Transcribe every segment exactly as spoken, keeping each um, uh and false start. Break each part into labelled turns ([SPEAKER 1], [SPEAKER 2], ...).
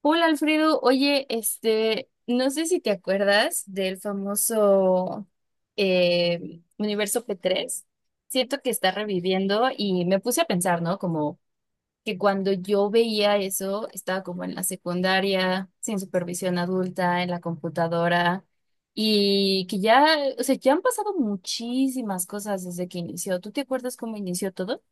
[SPEAKER 1] Hola Alfredo, oye, este, no sé si te acuerdas del famoso eh, Universo p tres. Siento que está reviviendo y me puse a pensar, ¿no? Como que cuando yo veía eso, estaba como en la secundaria, sin supervisión adulta, en la computadora, y que ya, o sea, ya han pasado muchísimas cosas desde que inició. ¿Tú te acuerdas cómo inició todo?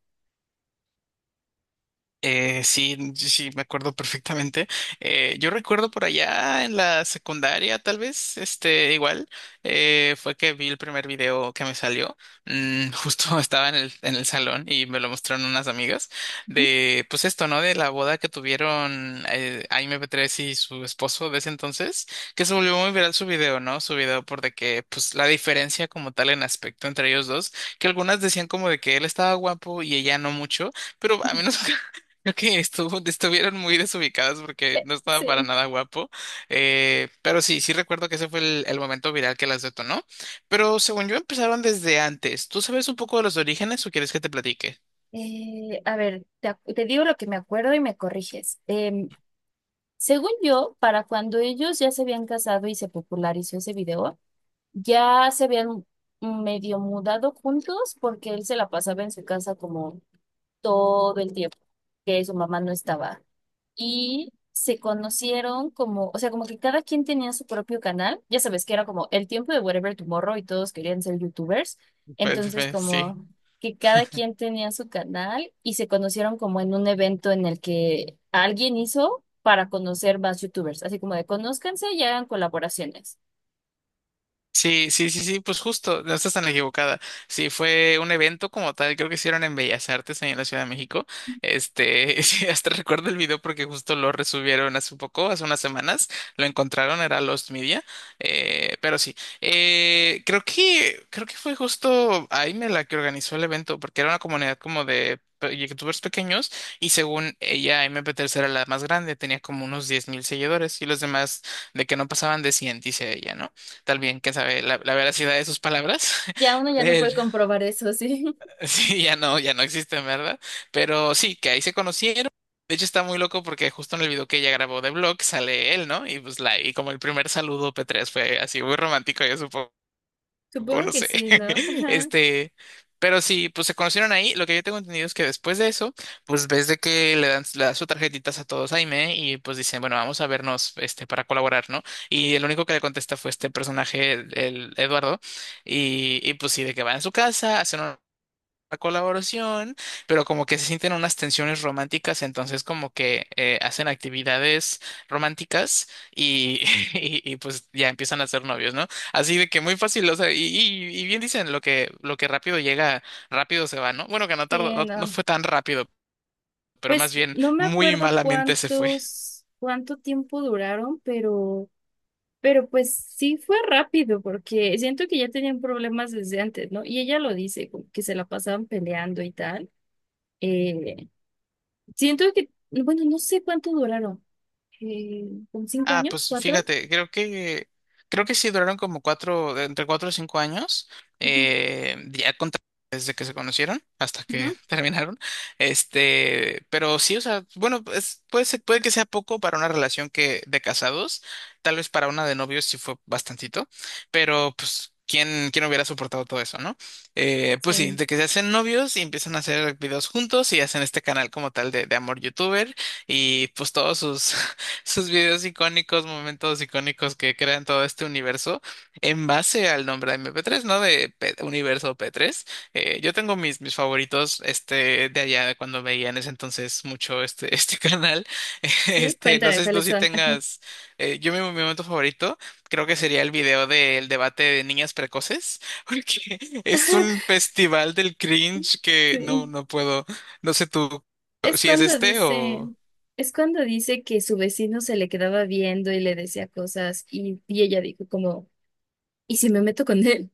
[SPEAKER 2] Eh, sí, sí, sí, me acuerdo perfectamente. Eh, yo recuerdo por allá en la secundaria, tal vez, este, igual, eh, fue que vi el primer video que me salió. Mm. Justo estaba en el, en el salón y me lo mostraron unas amigas de, pues esto, ¿no? De la boda que tuvieron, eh, Aime Petrés y su esposo de ese entonces, que se volvió muy viral su video, ¿no? Su video por de que, pues, la diferencia como tal en aspecto entre ellos dos, que algunas decían como de que él estaba guapo y ella no mucho. Pero a mí no. Creo que estuvo, estuvieron muy desubicadas porque
[SPEAKER 1] Eh,
[SPEAKER 2] no estaba para
[SPEAKER 1] Sí.
[SPEAKER 2] nada guapo. Eh, pero sí, sí recuerdo que ese fue el, el momento viral que las detonó. Pero según yo empezaron desde antes. ¿Tú sabes un poco de los orígenes o quieres que te platique?
[SPEAKER 1] Eh, a ver, te, ac- te digo lo que me acuerdo y me corriges. Em, Según yo, para cuando ellos ya se habían casado y se popularizó ese video, ya se habían medio mudado juntos porque él se la pasaba en su casa como todo el tiempo que su mamá no estaba y se conocieron como, o sea, como que cada quien tenía su propio canal, ya sabes que era como el tiempo de Whatever Tomorrow y todos querían ser youtubers,
[SPEAKER 2] Pues,
[SPEAKER 1] entonces
[SPEAKER 2] pues, sí.
[SPEAKER 1] como que cada quien tenía su canal y se conocieron como en un evento en el que alguien hizo para conocer más youtubers, así como de conózcanse y hagan colaboraciones.
[SPEAKER 2] Sí, sí, sí, sí, pues justo, no estás tan equivocada. Sí, fue un evento como tal, creo que hicieron en Bellas Artes ahí en la Ciudad de México. Este, sí, hasta recuerdo el video porque justo lo resubieron hace poco, hace unas semanas, lo encontraron, era Lost Media. Eh, pero sí, eh, creo que, creo que fue justo Aime la que organizó el evento, porque era una comunidad como de pe- youtubers pequeños y según ella, mp P tercera la más grande, tenía como unos diez mil seguidores y los demás de que no pasaban de cien dice ella, ¿no? Tal bien, quién sabe, la, la veracidad de sus palabras.
[SPEAKER 1] Ya uno ya no
[SPEAKER 2] Pero
[SPEAKER 1] puede comprobar eso, ¿sí?
[SPEAKER 2] sí, ya no, ya no existen, ¿verdad? Pero sí, que ahí se conocieron. De hecho, está muy loco porque justo en el video que ella grabó de vlog sale él, ¿no? Y pues la, y como el primer saludo pe tres fue así muy romántico, yo supongo o
[SPEAKER 1] Supongo
[SPEAKER 2] no
[SPEAKER 1] que
[SPEAKER 2] sé.
[SPEAKER 1] sí, ¿no? Ajá.
[SPEAKER 2] Este, pero sí, pues se conocieron ahí. Lo que yo tengo entendido es que después de eso, pues ves de que le dan, le da sus tarjetitas a todos Jaime y pues dicen, bueno, vamos a vernos, este, para colaborar, ¿no? Y el único que le contesta fue este personaje, el, el Eduardo, y, y pues sí, de que va a su casa, hacen la colaboración, pero como que se sienten unas tensiones románticas, entonces como que eh, hacen actividades románticas y, y, y, pues ya empiezan a ser novios, ¿no? Así de que muy fácil, o sea, y, y- y bien dicen lo que, lo que rápido llega, rápido se va, ¿no? Bueno, que no tardó,
[SPEAKER 1] Sí,
[SPEAKER 2] no, no
[SPEAKER 1] no.
[SPEAKER 2] fue tan rápido, pero
[SPEAKER 1] Pues
[SPEAKER 2] más bien
[SPEAKER 1] no me
[SPEAKER 2] muy
[SPEAKER 1] acuerdo
[SPEAKER 2] malamente se fue.
[SPEAKER 1] cuántos, cuánto tiempo duraron, pero Pero pues sí fue rápido, porque siento que ya tenían problemas desde antes, ¿no? Y ella lo dice, como que se la pasaban peleando y tal. Eh, Siento que, bueno, no sé cuánto duraron, eh, ¿como cinco
[SPEAKER 2] Ah,
[SPEAKER 1] años?
[SPEAKER 2] pues
[SPEAKER 1] ¿Cuatro?
[SPEAKER 2] fíjate, creo que creo que sí duraron como cuatro, de entre cuatro o cinco años,
[SPEAKER 1] Ujú,
[SPEAKER 2] eh, ya con- desde que se conocieron hasta que
[SPEAKER 1] ujú.
[SPEAKER 2] terminaron. Este, pero sí, o sea, bueno, es- puede ser- puede que sea poco para una relación que de casados, tal vez para una de novios sí fue bastantito, pero pues quién, quién hubiera soportado todo eso, ¿no? Eh, pues sí,
[SPEAKER 1] Sí,
[SPEAKER 2] de que se hacen novios y empiezan a hacer videos juntos y hacen este canal como tal de, de amor youtuber y pues todos sus sus videos icónicos, momentos icónicos que crean todo este universo en base al nombre de eme pe tres, ¿no? De P- Universo pe tres. Eh, yo tengo mis, mis favoritos, este, de allá, de cuando veía en ese entonces mucho este, este canal.
[SPEAKER 1] sí,
[SPEAKER 2] Este, no
[SPEAKER 1] cuéntame
[SPEAKER 2] sé si tú
[SPEAKER 1] cuáles
[SPEAKER 2] sí
[SPEAKER 1] son.
[SPEAKER 2] tengas, eh, yo mi, mi momento favorito creo que sería el video del debate de niñas precoces, porque es un festival del cringe que no,
[SPEAKER 1] Sí.
[SPEAKER 2] no puedo, no sé tú
[SPEAKER 1] Es
[SPEAKER 2] si es
[SPEAKER 1] cuando
[SPEAKER 2] este
[SPEAKER 1] dice,
[SPEAKER 2] o.
[SPEAKER 1] es cuando dice que su vecino se le quedaba viendo y le decía cosas, y, y ella dijo como, ¿y si me meto con él?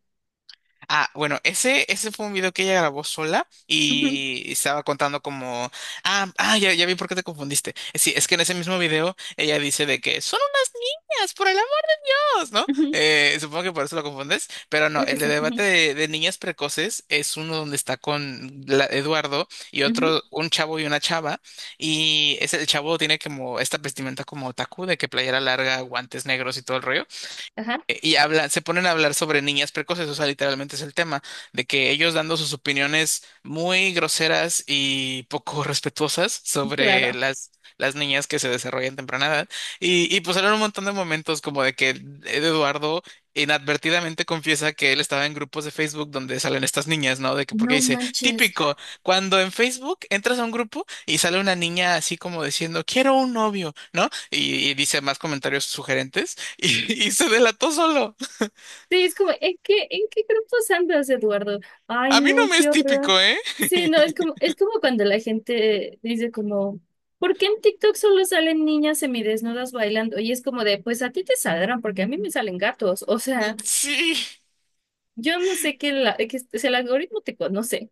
[SPEAKER 2] Ah, bueno, ese, ese fue un video que ella grabó sola
[SPEAKER 1] Ujú,
[SPEAKER 2] y estaba contando como, ah, ah, ya, ya vi por qué te confundiste. Eh, Sí, es que en ese mismo video ella dice de que son unas niñas, por el amor, ¿no?
[SPEAKER 1] ujú,
[SPEAKER 2] Eh, supongo que por eso lo confundes, pero no,
[SPEAKER 1] creo que
[SPEAKER 2] el de
[SPEAKER 1] sí.
[SPEAKER 2] debate
[SPEAKER 1] Ujú,
[SPEAKER 2] de, de niñas precoces es uno donde está con la- Eduardo y
[SPEAKER 1] ujú,
[SPEAKER 2] otro, un chavo y una chava, y es el chavo tiene como esta vestimenta como otaku de que playera larga, guantes negros y todo el rollo.
[SPEAKER 1] ajá.
[SPEAKER 2] Eh, Y habla, se ponen a hablar sobre niñas precoces, o sea, literalmente es el tema, de que ellos dando sus opiniones muy groseras y poco respetuosas sobre
[SPEAKER 1] Claro.
[SPEAKER 2] las, las niñas que se desarrollan temprana edad. Y, y pues eran un montón de momentos como de que Eduardo inadvertidamente confiesa que él estaba en grupos de Facebook donde salen estas niñas, ¿no? De que porque
[SPEAKER 1] No
[SPEAKER 2] dice,
[SPEAKER 1] manches.
[SPEAKER 2] típico, cuando en Facebook entras a un grupo y sale una niña así como diciendo, quiero un novio, ¿no? Y, y dice más comentarios sugerentes. Y, y se delató solo.
[SPEAKER 1] Sí, es como, ¿en qué, en qué grupos andas, Eduardo? Ay,
[SPEAKER 2] A mí no
[SPEAKER 1] no,
[SPEAKER 2] me
[SPEAKER 1] qué
[SPEAKER 2] es
[SPEAKER 1] horror.
[SPEAKER 2] típico, ¿eh?
[SPEAKER 1] Sí, no, es como, es como cuando la gente dice como, ¿por qué en TikTok solo salen niñas semidesnudas bailando? Y es como de, pues a ti te saldrán, porque a mí me salen gatos. O sea,
[SPEAKER 2] Sí.
[SPEAKER 1] yo no sé qué, la, que es si el algoritmo te conoce.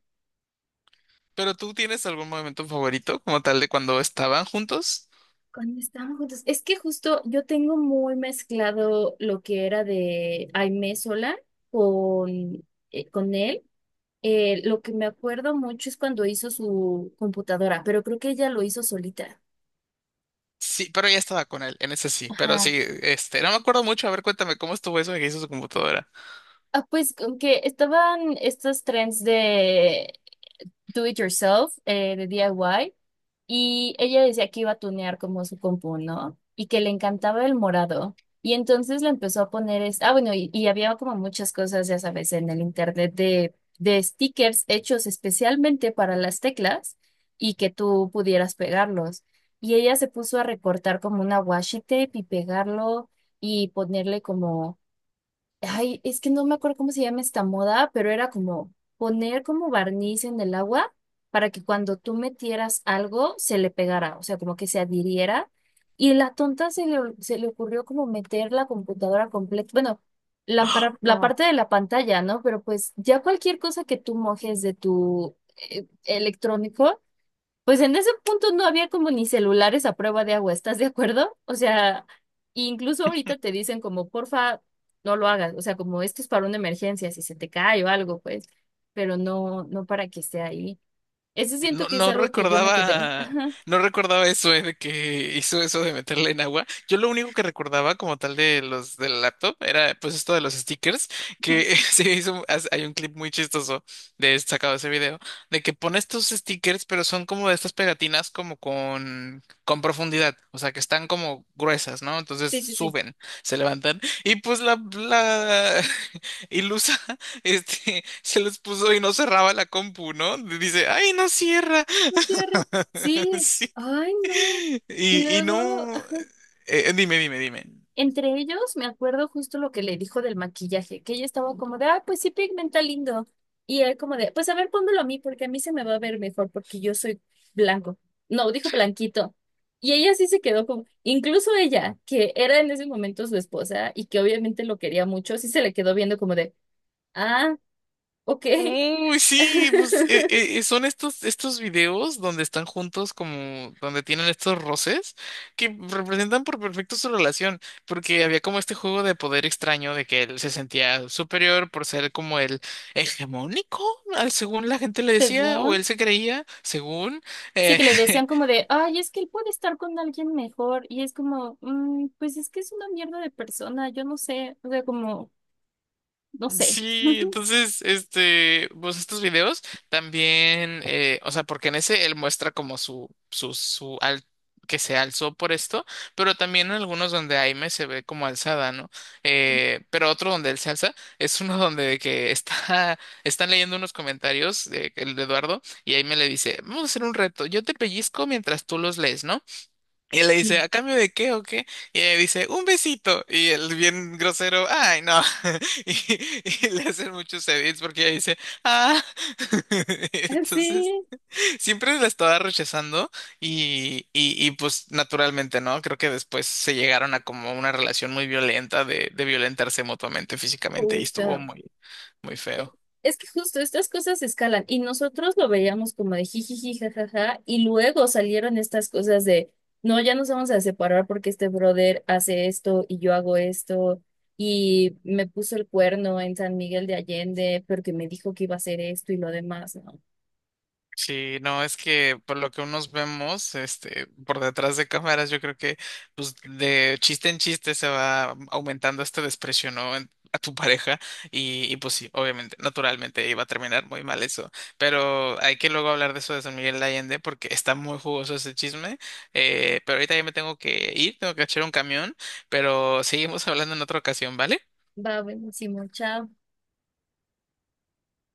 [SPEAKER 2] ¿Pero tú tienes algún momento favorito como tal de cuando estaban juntos?
[SPEAKER 1] Cuando estábamos juntos, es que justo yo tengo muy mezclado lo que era de Aimee sola con, eh, con él. Eh, lo que me acuerdo mucho es cuando hizo su computadora, pero creo que ella lo hizo solita.
[SPEAKER 2] Sí, pero ya estaba con él, en ese sí. Pero sí,
[SPEAKER 1] Ajá.
[SPEAKER 2] este, no me acuerdo mucho. A ver, cuéntame cómo estuvo eso de que hizo su computadora.
[SPEAKER 1] Ah, pues con que estaban estos trends de do it yourself, eh, de D I Y. Y ella decía que iba a tunear como su compu, ¿no? Y que le encantaba el morado. Y entonces le empezó a poner, es... ah, bueno, y, y había como muchas cosas, ya sabes, en el internet de, de stickers hechos especialmente para las teclas y que tú pudieras pegarlos. Y ella se puso a recortar como una washi tape y pegarlo y ponerle como ay, es que no me acuerdo cómo se llama esta moda, pero era como poner como barniz en el agua para que cuando tú metieras algo se le pegara, o sea, como que se adhiriera. Y la tonta se le, se le ocurrió como meter la computadora completa, bueno, la, para- la parte de la pantalla, ¿no? Pero pues ya cualquier cosa que tú mojes de tu eh, electrónico pues en ese punto no había como ni celulares a prueba de agua, ¿estás de acuerdo? O sea, incluso ahorita te dicen como, porfa, no lo hagas, o sea, como esto es para una emergencia, si se te cae o algo, pues, pero no, no para que esté ahí. Ese siento
[SPEAKER 2] No,
[SPEAKER 1] que es
[SPEAKER 2] no
[SPEAKER 1] algo que yo me quedé.
[SPEAKER 2] recordaba,
[SPEAKER 1] Ajá,
[SPEAKER 2] no recordaba eso, eh, de que hizo eso de meterle en agua. Yo lo único que recordaba como tal de los del laptop era pues esto de los stickers, que se hizo, hace- hay un clip muy chistoso de sacado de ese video, de que pone estos stickers, pero son como de estas pegatinas como con, con profundidad, o sea que están como gruesas, ¿no? Entonces
[SPEAKER 1] sí, sí, sí.
[SPEAKER 2] suben, se levantan, y pues la, la ilusa este, se los puso y no cerraba la compu, ¿no? Dice, ay, no cierra.
[SPEAKER 1] No cierre. Sí,
[SPEAKER 2] Sí.
[SPEAKER 1] ay, no. Y
[SPEAKER 2] Y, y
[SPEAKER 1] luego,
[SPEAKER 2] no. eh, eh, dime, dime, dime.
[SPEAKER 1] entre ellos, me acuerdo justo lo que le dijo del maquillaje, que ella estaba como de, ah, pues sí, pigmenta lindo. Y él como de, pues a ver, pónmelo a mí, porque a mí se me va a ver mejor, porque yo soy blanco. No, dijo blanquito. Y ella sí se quedó como, incluso ella, que era en ese momento su esposa y que obviamente lo quería mucho, sí se le quedó viendo como de, ah, ok.
[SPEAKER 2] Uy, sí, pues eh, eh, eh, son estos, estos videos donde están juntos como donde tienen estos roces que representan por perfecto su relación, porque había como este juego de poder extraño de que él se sentía superior por ser como el hegemónico. Al- según la gente le decía, o
[SPEAKER 1] Según,
[SPEAKER 2] él se creía, según.
[SPEAKER 1] sí
[SPEAKER 2] eh,
[SPEAKER 1] que le decían como de, ay, es que él puede estar con alguien mejor. Y es como, "Mm, pues es que es una mierda de persona, yo no sé, o sea, como... no sé.
[SPEAKER 2] Sí, entonces, este, pues estos videos también, eh, o sea, porque en ese él muestra como su, su, su, al que se alzó por esto, pero también en algunos donde Aime se ve como alzada, ¿no? Eh, pero otro donde él se alza es uno donde de que está, están leyendo unos comentarios de, el de Eduardo y Aime le dice, vamos a hacer un reto, yo te pellizco mientras tú los lees, ¿no? Y él le dice, ¿a cambio de qué o qué? Y ella dice, un besito. Y él bien grosero, ay, no. Y, y le hacen muchos edits porque ella dice, ah. Entonces,
[SPEAKER 1] Sí,
[SPEAKER 2] siempre la estaba rechazando y, y, y pues naturalmente, ¿no? Creo que después se llegaron a como una relación muy violenta de, de violentarse mutuamente físicamente y estuvo
[SPEAKER 1] justo.
[SPEAKER 2] muy, muy feo.
[SPEAKER 1] Es que justo estas cosas escalan y nosotros lo veíamos como de jijiji, jajaja, y luego salieron estas cosas de, no, ya nos vamos a separar porque este brother hace esto y yo hago esto y me puso el cuerno en San Miguel de Allende porque me dijo que iba a hacer esto y lo demás, ¿no?
[SPEAKER 2] Sí, no, es que por lo que unos vemos, este, por detrás de cámaras, yo creo que pues de chiste en chiste se va aumentando este desprecio, ¿no? en- a tu pareja y, y, pues sí, obviamente, naturalmente iba a terminar muy mal eso, pero hay que luego hablar de eso de San Miguel de Allende porque está muy jugoso ese chisme, eh, pero ahorita ya me tengo que ir, tengo que echar un camión, pero seguimos hablando en otra ocasión, ¿vale?
[SPEAKER 1] Va, buenísimo, chao.